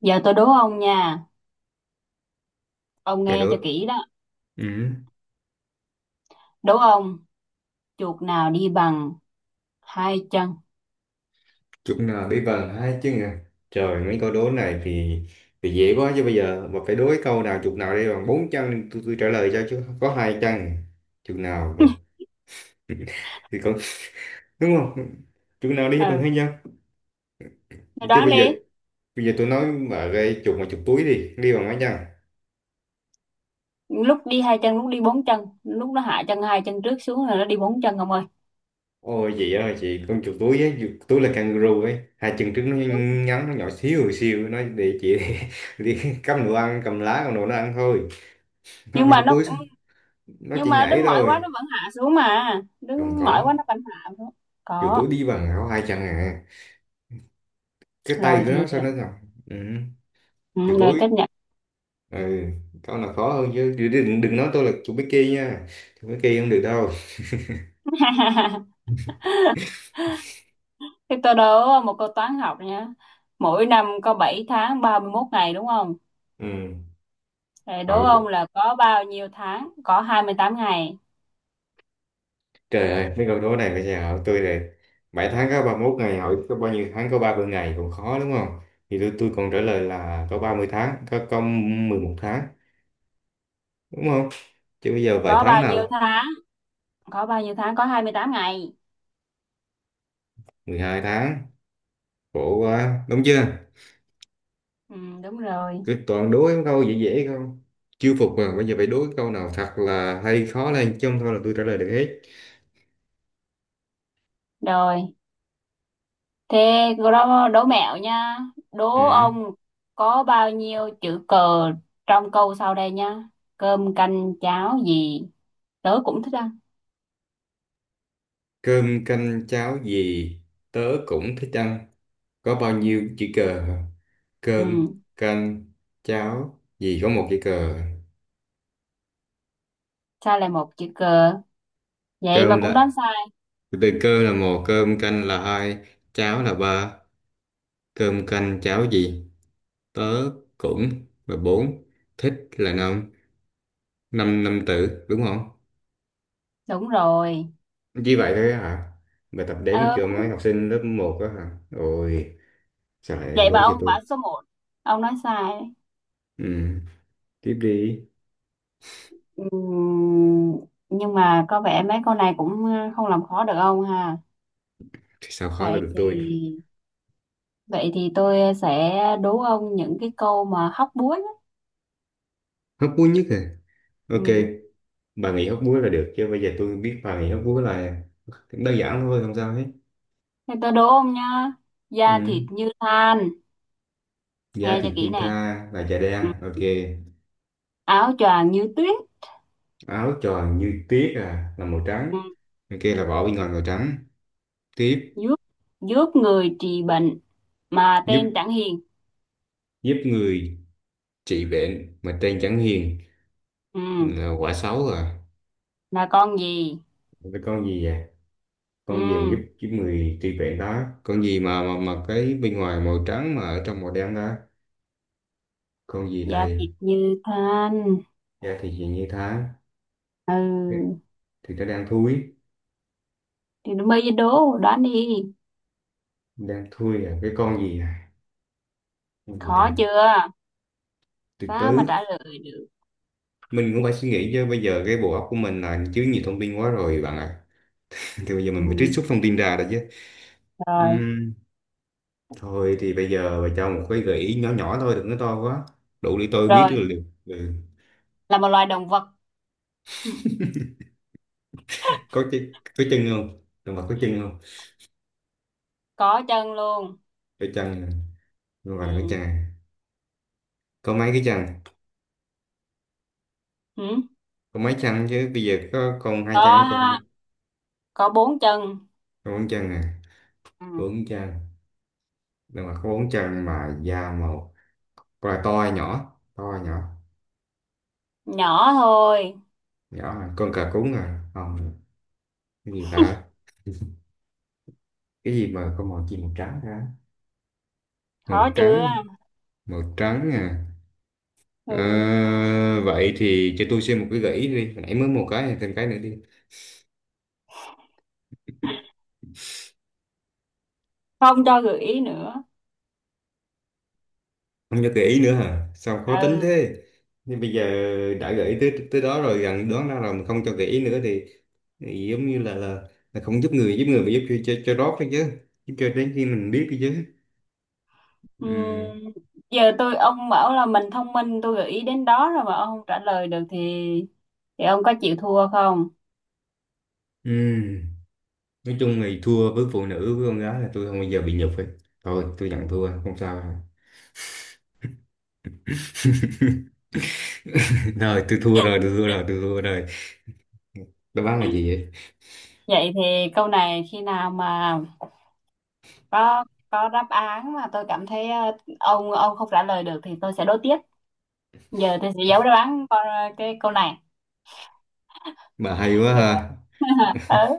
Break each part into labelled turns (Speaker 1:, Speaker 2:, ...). Speaker 1: Giờ tôi đố ông nha, ông
Speaker 2: Cái
Speaker 1: nghe cho
Speaker 2: đứa
Speaker 1: kỹ đó.
Speaker 2: ừ.
Speaker 1: Đố ông, chuột nào đi bằng hai chân?
Speaker 2: Chúng là bí vần hai chứ nhỉ. Trời, mấy câu đố này thì dễ quá. Chứ bây giờ mà phải đố cái câu nào chục nào đây, bằng bốn chân tôi trả lời cho, chứ có hai chân chục nào còn- thì còn, đúng không, chục nào đi bằng
Speaker 1: Ừ,
Speaker 2: hai chân
Speaker 1: mày
Speaker 2: chứ
Speaker 1: đoán
Speaker 2: bây giờ
Speaker 1: đi.
Speaker 2: tôi nói mà cái chục mà chục túi đi đi bằng mấy chân.
Speaker 1: Lúc đi hai chân, lúc đi bốn chân, lúc nó hạ chân hai chân trước xuống rồi nó đi bốn chân ông ơi.
Speaker 2: Ôi chị ơi, chị, con chục túi ấy, chục túi là kangaroo ấy, hai chân trước nó
Speaker 1: Đúng.
Speaker 2: ngắn, nó nhỏ xíu xíu, nó để chị đi, cầm đồ ăn, cầm lá, cầm đồ nó ăn thôi, nó
Speaker 1: Nhưng
Speaker 2: đâu
Speaker 1: mà
Speaker 2: có
Speaker 1: nó
Speaker 2: cúi xuống, nó
Speaker 1: nhưng
Speaker 2: chỉ
Speaker 1: mà
Speaker 2: nhảy
Speaker 1: đứng mỏi
Speaker 2: thôi,
Speaker 1: quá nó vẫn hạ xuống mà.
Speaker 2: không
Speaker 1: Đứng mỏi quá
Speaker 2: có.
Speaker 1: nó vẫn hạ xuống.
Speaker 2: Chiều
Speaker 1: Có,
Speaker 2: tối đi bằng áo hai chân à, cái tay
Speaker 1: rồi
Speaker 2: của
Speaker 1: thì
Speaker 2: nó sao nó ngọc. Ừ. Chiều
Speaker 1: ừ, rồi
Speaker 2: tối.
Speaker 1: chấp nhận.
Speaker 2: Ừ. Con là khó hơn, chứ đừng nói tôi là chú Mickey nha, chú Mickey không được đâu.
Speaker 1: Thế tôi đố một câu toán học nha. Mỗi năm có 7 tháng 31 ngày đúng không?
Speaker 2: Ừ.
Speaker 1: Rồi đố
Speaker 2: Hỏi,
Speaker 1: ông là có bao nhiêu tháng? Có 28 ngày.
Speaker 2: trời ơi mấy câu đố này bây giờ hỏi tôi là 7 tháng có 31 ngày, hỏi có bao nhiêu tháng có 30 ngày còn khó, đúng không? Thì tôi còn trả lời là có 30 tháng, có 11 tháng, đúng không? Chứ bây giờ bảy
Speaker 1: có
Speaker 2: tháng
Speaker 1: bao nhiêu
Speaker 2: nào,
Speaker 1: tháng có bao nhiêu tháng có 28 ngày.
Speaker 2: 12 tháng, khổ quá, đúng chưa?
Speaker 1: Ừ, đúng rồi.
Speaker 2: Cứ toàn đố em câu dễ dễ không? Chưa phục mà, bây giờ phải đố câu nào thật là hay, khó lên chứ, không thôi là tôi trả lời được hết.
Speaker 1: Rồi thế đố, đố mẹo nha. Đố
Speaker 2: Ừ.
Speaker 1: ông có bao nhiêu chữ cờ trong câu sau đây nha: cơm canh cháo gì tớ cũng thích ăn.
Speaker 2: Cơm canh cháo gì tớ cũng thích ăn. Có bao nhiêu chữ cờ? Hả?
Speaker 1: Ừ,
Speaker 2: Cơm canh cháo gì có một chữ cờ.
Speaker 1: sai là một chữ cờ, vậy mà
Speaker 2: Cơm
Speaker 1: cũng đoán
Speaker 2: là,
Speaker 1: sai.
Speaker 2: từ cơ là một, cơm canh là hai, cháo là ba. Cơm canh cháo gì? Tớ cũng là bốn, thích là năm, năm năm tử đúng không?
Speaker 1: Đúng rồi.
Speaker 2: Chỉ vậy thôi á hả? Bài tập đếm
Speaker 1: ờ,
Speaker 2: kiểu mấy học sinh lớp một á hả? Ôi, sao lại
Speaker 1: Vậy
Speaker 2: đố
Speaker 1: mà
Speaker 2: cho
Speaker 1: ông
Speaker 2: tôi?
Speaker 1: bảo số một, ông nói sai đấy.
Speaker 2: Ừ, tiếp đi.
Speaker 1: Ừ, nhưng mà có vẻ mấy câu này cũng không làm khó được ông ha.
Speaker 2: Thì sao khó là
Speaker 1: vậy
Speaker 2: được
Speaker 1: thì
Speaker 2: tôi?
Speaker 1: Vậy thì tôi sẽ đố ông những cái câu mà hóc búa nhé.
Speaker 2: Hóc búa nhất à? Ok,
Speaker 1: Ừ.
Speaker 2: bà nghĩ hóc búa là được, chứ bây giờ tôi biết bà nghĩ hóc búa là đơn giản thôi, không sao hết.
Speaker 1: Thì tôi đố ông nha. Da
Speaker 2: Ừ.
Speaker 1: thịt như than,
Speaker 2: Da
Speaker 1: nghe cho
Speaker 2: thịt
Speaker 1: kỹ
Speaker 2: như
Speaker 1: nè.
Speaker 2: tha là da đen,
Speaker 1: Ừ.
Speaker 2: ok.
Speaker 1: Áo choàng như tuyết,
Speaker 2: Áo tròn như tuyết à, là màu trắng.
Speaker 1: ừ.
Speaker 2: Ok, là vỏ bên ngoài màu trắng. Tiếp,
Speaker 1: giúp giúp người trị bệnh mà
Speaker 2: giúp
Speaker 1: tên chẳng hiền.
Speaker 2: giúp người trị bệnh mà trên chẳng hiền,
Speaker 1: Ừ.
Speaker 2: là quả xấu à.
Speaker 1: Là con gì?
Speaker 2: Cái con gì vậy?
Speaker 1: Ừ.
Speaker 2: Con gì mà giúp giúp người tri viện đó, con gì mà cái bên ngoài màu trắng mà ở trong màu đen đó, con gì
Speaker 1: Da
Speaker 2: thầy.
Speaker 1: thịt như than.
Speaker 2: Da thì gì như thế, thì,
Speaker 1: Ừ.
Speaker 2: thì nó đang thui,
Speaker 1: Thì bây giờ đố, đoán đi.
Speaker 2: đang thui à, cái con gì à, con gì
Speaker 1: Khó
Speaker 2: đây,
Speaker 1: chưa?
Speaker 2: từ
Speaker 1: Sao mà
Speaker 2: từ.
Speaker 1: trả lời được?
Speaker 2: Mình cũng phải suy nghĩ chứ, bây giờ cái bộ óc của mình là chứa nhiều thông tin quá rồi bạn ạ. Thì bây giờ mình
Speaker 1: Ừ.
Speaker 2: phải trích xuất thông tin ra đó chứ.
Speaker 1: Rồi,
Speaker 2: Ừm, Thôi thì bây giờ bà cho một cái gợi ý nhỏ nhỏ thôi, đừng có to quá, đủ để tôi biết
Speaker 1: rồi.
Speaker 2: được liệu- ừ.
Speaker 1: Là một loài động vật
Speaker 2: Có cái, có chân không? Động vật có chân không?
Speaker 1: có chân luôn.
Speaker 2: Có chân, nhưng mà có
Speaker 1: Ừ.
Speaker 2: chân à? Có mấy cái chân,
Speaker 1: Ừ.
Speaker 2: có mấy chân, chứ bây giờ có con hai chân
Speaker 1: có
Speaker 2: có con
Speaker 1: có bốn chân.
Speaker 2: bốn chân à.
Speaker 1: Ừ.
Speaker 2: Bốn chân, nhưng mà có bốn chân mà da màu. Con là to hay nhỏ, to hay nhỏ?
Speaker 1: Nhỏ thôi.
Speaker 2: Nhỏ à? Con cà cún à, không, cái gì ta? Cái gì mà có màu gì, màu trắng hả?
Speaker 1: Khó
Speaker 2: Màu
Speaker 1: chưa?
Speaker 2: trắng, màu trắng à. Ờ,
Speaker 1: Ừ.
Speaker 2: vậy thì cho tôi xem một cái gợi ý đi, hồi nãy mới một cái, thêm cái nữa đi.
Speaker 1: Không cho gợi ý nữa.
Speaker 2: Không cho gợi ý nữa hả, sao khó tính
Speaker 1: Ừ.
Speaker 2: thế? Nhưng bây giờ đã gợi ý tới tới đó rồi, gần đoán ra rồi mà không cho gợi ý nữa thì giống như là là không giúp người, giúp người mà giúp cho rót đấy chứ, giúp cho đến khi mình biết đấy chứ.
Speaker 1: Ừ.
Speaker 2: Ừ.
Speaker 1: Giờ tôi ông bảo là mình thông minh, tôi gợi ý đến đó rồi mà ông không trả lời được thì ông có chịu thua không?
Speaker 2: Ừ. Nói chung thì thua với phụ nữ với con gái là tôi không bao giờ bị nhục ấy, thôi tôi nhận thua không sao đâu. Rồi tôi thua rồi, tôi thua rồi, đáp án là gì vậy?
Speaker 1: Vậy thì câu này khi nào mà có có đáp án mà tôi cảm thấy ông không trả lời được thì tôi sẽ đố tiếp. Giờ tôi sẽ giấu đáp án con cái câu này,
Speaker 2: Bà hay quá
Speaker 1: được
Speaker 2: ha.
Speaker 1: không? Ừ.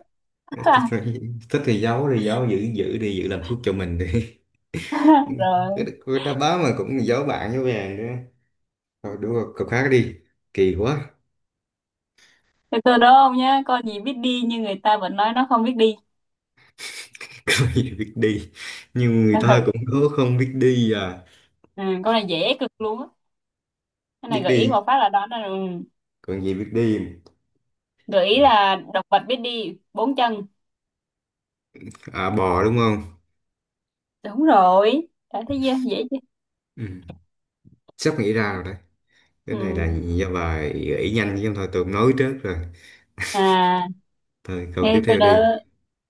Speaker 2: Thích thì Thích thì giấu thì giấu, giữ giữ đi, giữ làm thuốc cho mình đi. Cái
Speaker 1: Rồi.
Speaker 2: đáp án mà cũng giấu, bạn với vàng nữa, thôi đúng rồi, cậu khác đi, kỳ quá.
Speaker 1: Từ từ đúng không nhá, con gì biết đi nhưng người ta vẫn nói nó không biết đi.
Speaker 2: Có gì biết đi nhưng người ta cũng có không biết đi à,
Speaker 1: Ừ, ừ, con này dễ cực luôn á. Cái
Speaker 2: biết
Speaker 1: này gợi ý
Speaker 2: đi,
Speaker 1: một phát là đoán ra rồi. Ừ.
Speaker 2: còn gì biết đi.
Speaker 1: Gợi ý
Speaker 2: Ừ.
Speaker 1: là động vật biết đi, bốn chân.
Speaker 2: À bò, đúng không.
Speaker 1: Đúng rồi. Đã thấy chưa? Dễ chưa?
Speaker 2: Ừ. Sắp nghĩ ra rồi đấy, cái
Speaker 1: Ừ.
Speaker 2: này là do bà gợi ý nhanh chứ không thôi tôi cũng nói trước rồi.
Speaker 1: À,
Speaker 2: Thôi câu
Speaker 1: thế
Speaker 2: tiếp
Speaker 1: tôi
Speaker 2: theo
Speaker 1: đó
Speaker 2: đi.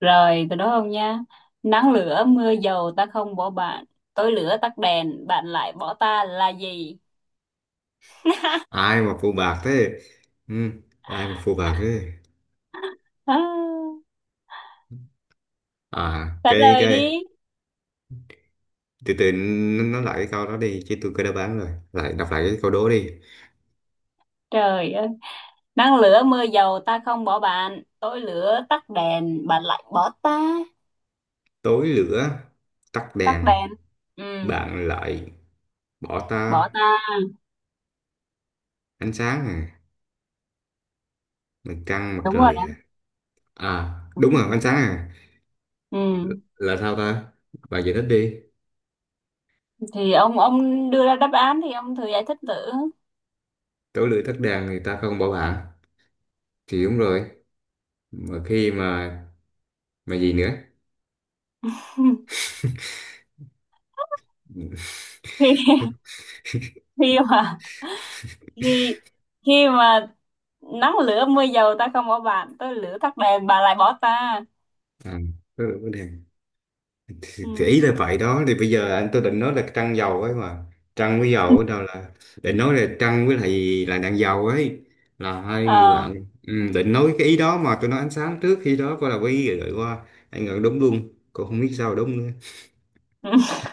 Speaker 1: rồi, tôi đó không nha. Nắng lửa mưa dầu ta không bỏ bạn, tối lửa tắt đèn, bạn lại bỏ ta là gì?
Speaker 2: Ai mà phụ bạc thế. Ừ. Ai mà phụ bạc thế,
Speaker 1: À,
Speaker 2: à
Speaker 1: trả lời
Speaker 2: cái,
Speaker 1: đi.
Speaker 2: từ từ, n- nói lại cái câu đó đi, chứ tôi có đáp án rồi, lại đọc lại cái câu đố đi.
Speaker 1: Trời ơi. Nắng lửa mưa dầu ta không bỏ bạn, tối lửa tắt đèn bạn lại bỏ ta.
Speaker 2: Tối lửa tắt
Speaker 1: Tắt
Speaker 2: đèn
Speaker 1: đèn. Ừ,
Speaker 2: bạn lại bỏ
Speaker 1: bỏ
Speaker 2: ta.
Speaker 1: ta.
Speaker 2: Ánh sáng à, mặt trăng mặt
Speaker 1: Đúng rồi
Speaker 2: trời
Speaker 1: đó,
Speaker 2: à, à
Speaker 1: đúng
Speaker 2: đúng
Speaker 1: rồi
Speaker 2: rồi ánh
Speaker 1: đó.
Speaker 2: sáng à,
Speaker 1: Ừ,
Speaker 2: là sao ta, bạn giải thích đi.
Speaker 1: thì ông đưa ra đáp án thì ông thử giải thích thử.
Speaker 2: Tối lưỡi tắt đèn thì ta không bảo bạn thì đúng rồi, mà khi mà gì nữa.
Speaker 1: Khi khi mà khi khi mà nắng lửa mưa dầu ta không bỏ bạn, tối lửa tắt đèn bà lại bỏ ta.
Speaker 2: À, tối lưỡi tắt đèn thì
Speaker 1: Ừ.
Speaker 2: ý là vậy đó. Thì bây giờ anh tôi định nói là trăng dầu ấy mà, trăng với dầu ở đâu là, định nói là trăng với lại, là đèn dầu ấy, là hai người
Speaker 1: Ờ.
Speaker 2: bạn, ừ, định nói cái ý đó, mà tôi nói ánh sáng trước khi đó coi là có ý gửi qua anh ngờ, đúng luôn, cô không biết sao đúng nữa.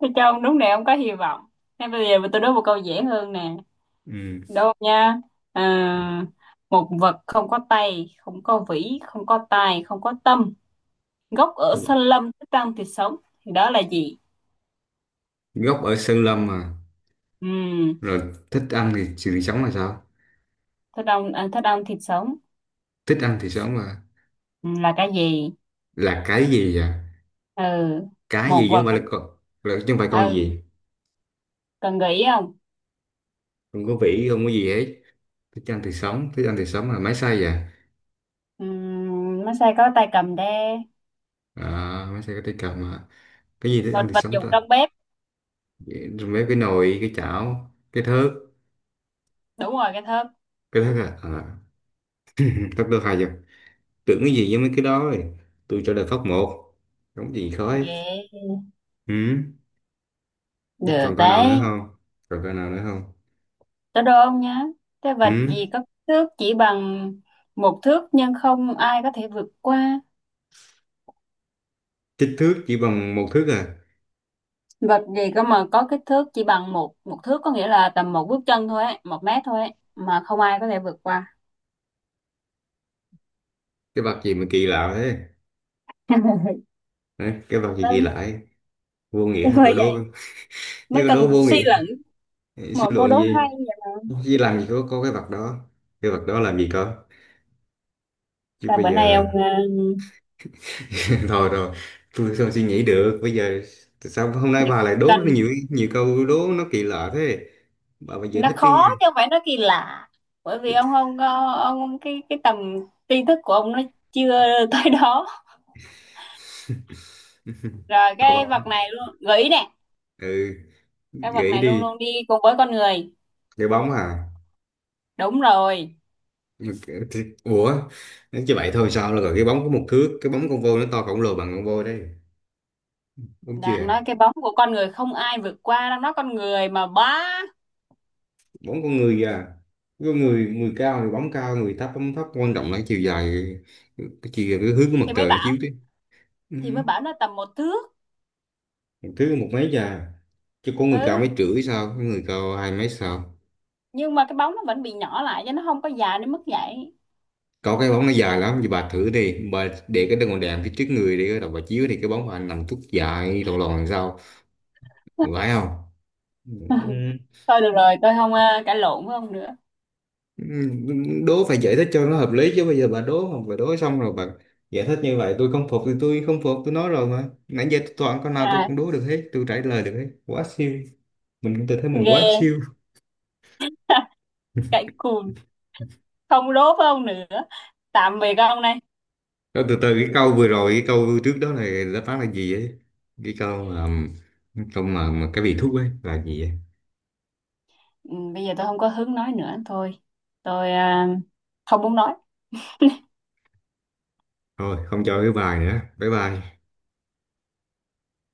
Speaker 1: Thế cho ông đúng này, ông có hy vọng. Thế bây giờ tôi đố một câu dễ hơn nè.
Speaker 2: Ừ.
Speaker 1: Đâu nha. À, một vật không có tay, không có vĩ, không có tài, không có tâm. Gốc ở sân lâm, thích ăn thịt sống. Thì đó là gì?
Speaker 2: Gốc ở Sơn Lâm mà,
Speaker 1: Ừ,
Speaker 2: rồi thích ăn thì sự sống là sao,
Speaker 1: thích ăn thịt sống.
Speaker 2: thích ăn thì sống là
Speaker 1: Ừ, là cái gì?
Speaker 2: là cái gì à,
Speaker 1: Ừ,
Speaker 2: cái
Speaker 1: một
Speaker 2: gì chứ không
Speaker 1: vật.
Speaker 2: phải là con, là chứ không phải con
Speaker 1: Ừ,
Speaker 2: gì,
Speaker 1: cần nghĩ không?
Speaker 2: không có vĩ không có gì hết, thích ăn thì sống, thích ăn thì sống là máy xay à,
Speaker 1: Ừ, massage có tay cầm đe.
Speaker 2: à máy xay có tay cầm à, cái gì thích
Speaker 1: Một
Speaker 2: ăn thì
Speaker 1: vật
Speaker 2: sống
Speaker 1: dụng
Speaker 2: ta,
Speaker 1: trong bếp.
Speaker 2: rồi mấy cái nồi cái chảo cái thớt,
Speaker 1: Đúng rồi, cái thớt.
Speaker 2: cái thớt à, à. Ừ, thớt đâu hai giờ, tưởng cái gì với mấy cái đó rồi, tôi trả lời phóc một đúng, gì khó ấy.
Speaker 1: Yeah.
Speaker 2: Ừ.
Speaker 1: Được
Speaker 2: Còn con nào nữa
Speaker 1: đấy.
Speaker 2: không, còn con nào nữa không
Speaker 1: Tới đố ông nhá. Cái vật
Speaker 2: ừ.
Speaker 1: gì có kích thước chỉ bằng 1 thước nhưng không ai có thể vượt qua?
Speaker 2: Kích thước chỉ bằng 1 thước à,
Speaker 1: Vật gì cơ mà có kích thước chỉ bằng một một thước, có nghĩa là tầm một bước chân thôi ấy, 1 mét thôi ấy, mà không ai có thể vượt qua.
Speaker 2: cái vạt gì mà kỳ lạ thế. Hả? Cái vạt gì kỳ
Speaker 1: Vâng,
Speaker 2: lạ ấy? Vô nghĩa
Speaker 1: thế
Speaker 2: hả?
Speaker 1: bởi
Speaker 2: Cậu đố
Speaker 1: vậy
Speaker 2: như
Speaker 1: mới
Speaker 2: cậu
Speaker 1: cần
Speaker 2: đố vô
Speaker 1: suy
Speaker 2: nghĩa,
Speaker 1: luận mà,
Speaker 2: suy
Speaker 1: cô
Speaker 2: luận
Speaker 1: đố
Speaker 2: gì,
Speaker 1: hay nhỉ.
Speaker 2: chứ làm gì có cái vạt đó, cái vạt đó làm gì cơ, chứ
Speaker 1: Là
Speaker 2: bây
Speaker 1: bữa nay
Speaker 2: giờ.
Speaker 1: ông
Speaker 2: Thôi rồi, tôi sao suy nghĩ được bây giờ, tại sao hôm nay bà lại đố
Speaker 1: cần
Speaker 2: rất nhiều nhiều câu đố nó kỳ lạ thế, bà phải giải
Speaker 1: nó
Speaker 2: thích đi.
Speaker 1: khó chứ không phải nó kỳ lạ. Bởi vì ông không có ông cái tầm tri thức của ông nó chưa tới đó. Rồi
Speaker 2: Thôi bà,
Speaker 1: cái vật này luôn gợi ý nè,
Speaker 2: ừ,
Speaker 1: cái vật
Speaker 2: gãy
Speaker 1: này luôn
Speaker 2: đi.
Speaker 1: luôn đi cùng với con người.
Speaker 2: Cái bóng à.
Speaker 1: Đúng rồi,
Speaker 2: Thì- ủa, chứ vậy thôi sao, là rồi cái bóng có 1 thước, cái bóng con voi nó to khổng lồ bằng con voi đấy, đúng chưa?
Speaker 1: đang nói cái bóng của con người không ai vượt qua, đang nói con người mà bá.
Speaker 2: Bóng con người à, có người người cao thì bóng cao, người thấp bóng thấp, quan trọng là cái chiều dài, cái hướng của mặt
Speaker 1: thì mới
Speaker 2: trời nó
Speaker 1: bảo
Speaker 2: chiếu chứ. Ừ.
Speaker 1: thì mới bảo nó tầm 1 thước.
Speaker 2: Một thứ một mấy già, chứ có người cao mấy
Speaker 1: Ừ,
Speaker 2: rưỡi sao, có người cao hai mấy sao.
Speaker 1: nhưng mà cái bóng nó vẫn bị nhỏ lại cho nó không có dài đến mức vậy.
Speaker 2: Có cái bóng nó dài lắm, thì bà thử đi, bà để cái đèn, phía trước người đi đầu bà chiếu thì cái bóng bà nằm tuốt dài lòn lòn, làm sao phải không. Ừ.
Speaker 1: Thôi được rồi, tôi không cãi lộn với ông nữa.
Speaker 2: Ừ, đố phải giải thích cho nó hợp lý chứ, bây giờ bà đố không phải đố xong rồi bà giải thích như vậy, tôi không phục thì tôi không phục, tôi nói rồi mà, nãy giờ tôi toàn câu nào tôi
Speaker 1: À,
Speaker 2: cũng đố được hết, tôi trả lời được hết, quá siêu, tôi thấy mình
Speaker 1: ghê.
Speaker 2: quá siêu.
Speaker 1: Cãi cùn. Không đố với ông nữa, tạm biệt ông này.
Speaker 2: Rồi từ từ, cái câu vừa rồi, cái câu trước đó là đáp án là gì ấy, cái câu mà, mà cái vị thuốc ấy là gì ấy.
Speaker 1: Ừ, bây giờ tôi không có hứng nói nữa thôi, tôi không muốn nói.
Speaker 2: Thôi không cho cái bài nữa, bye bye.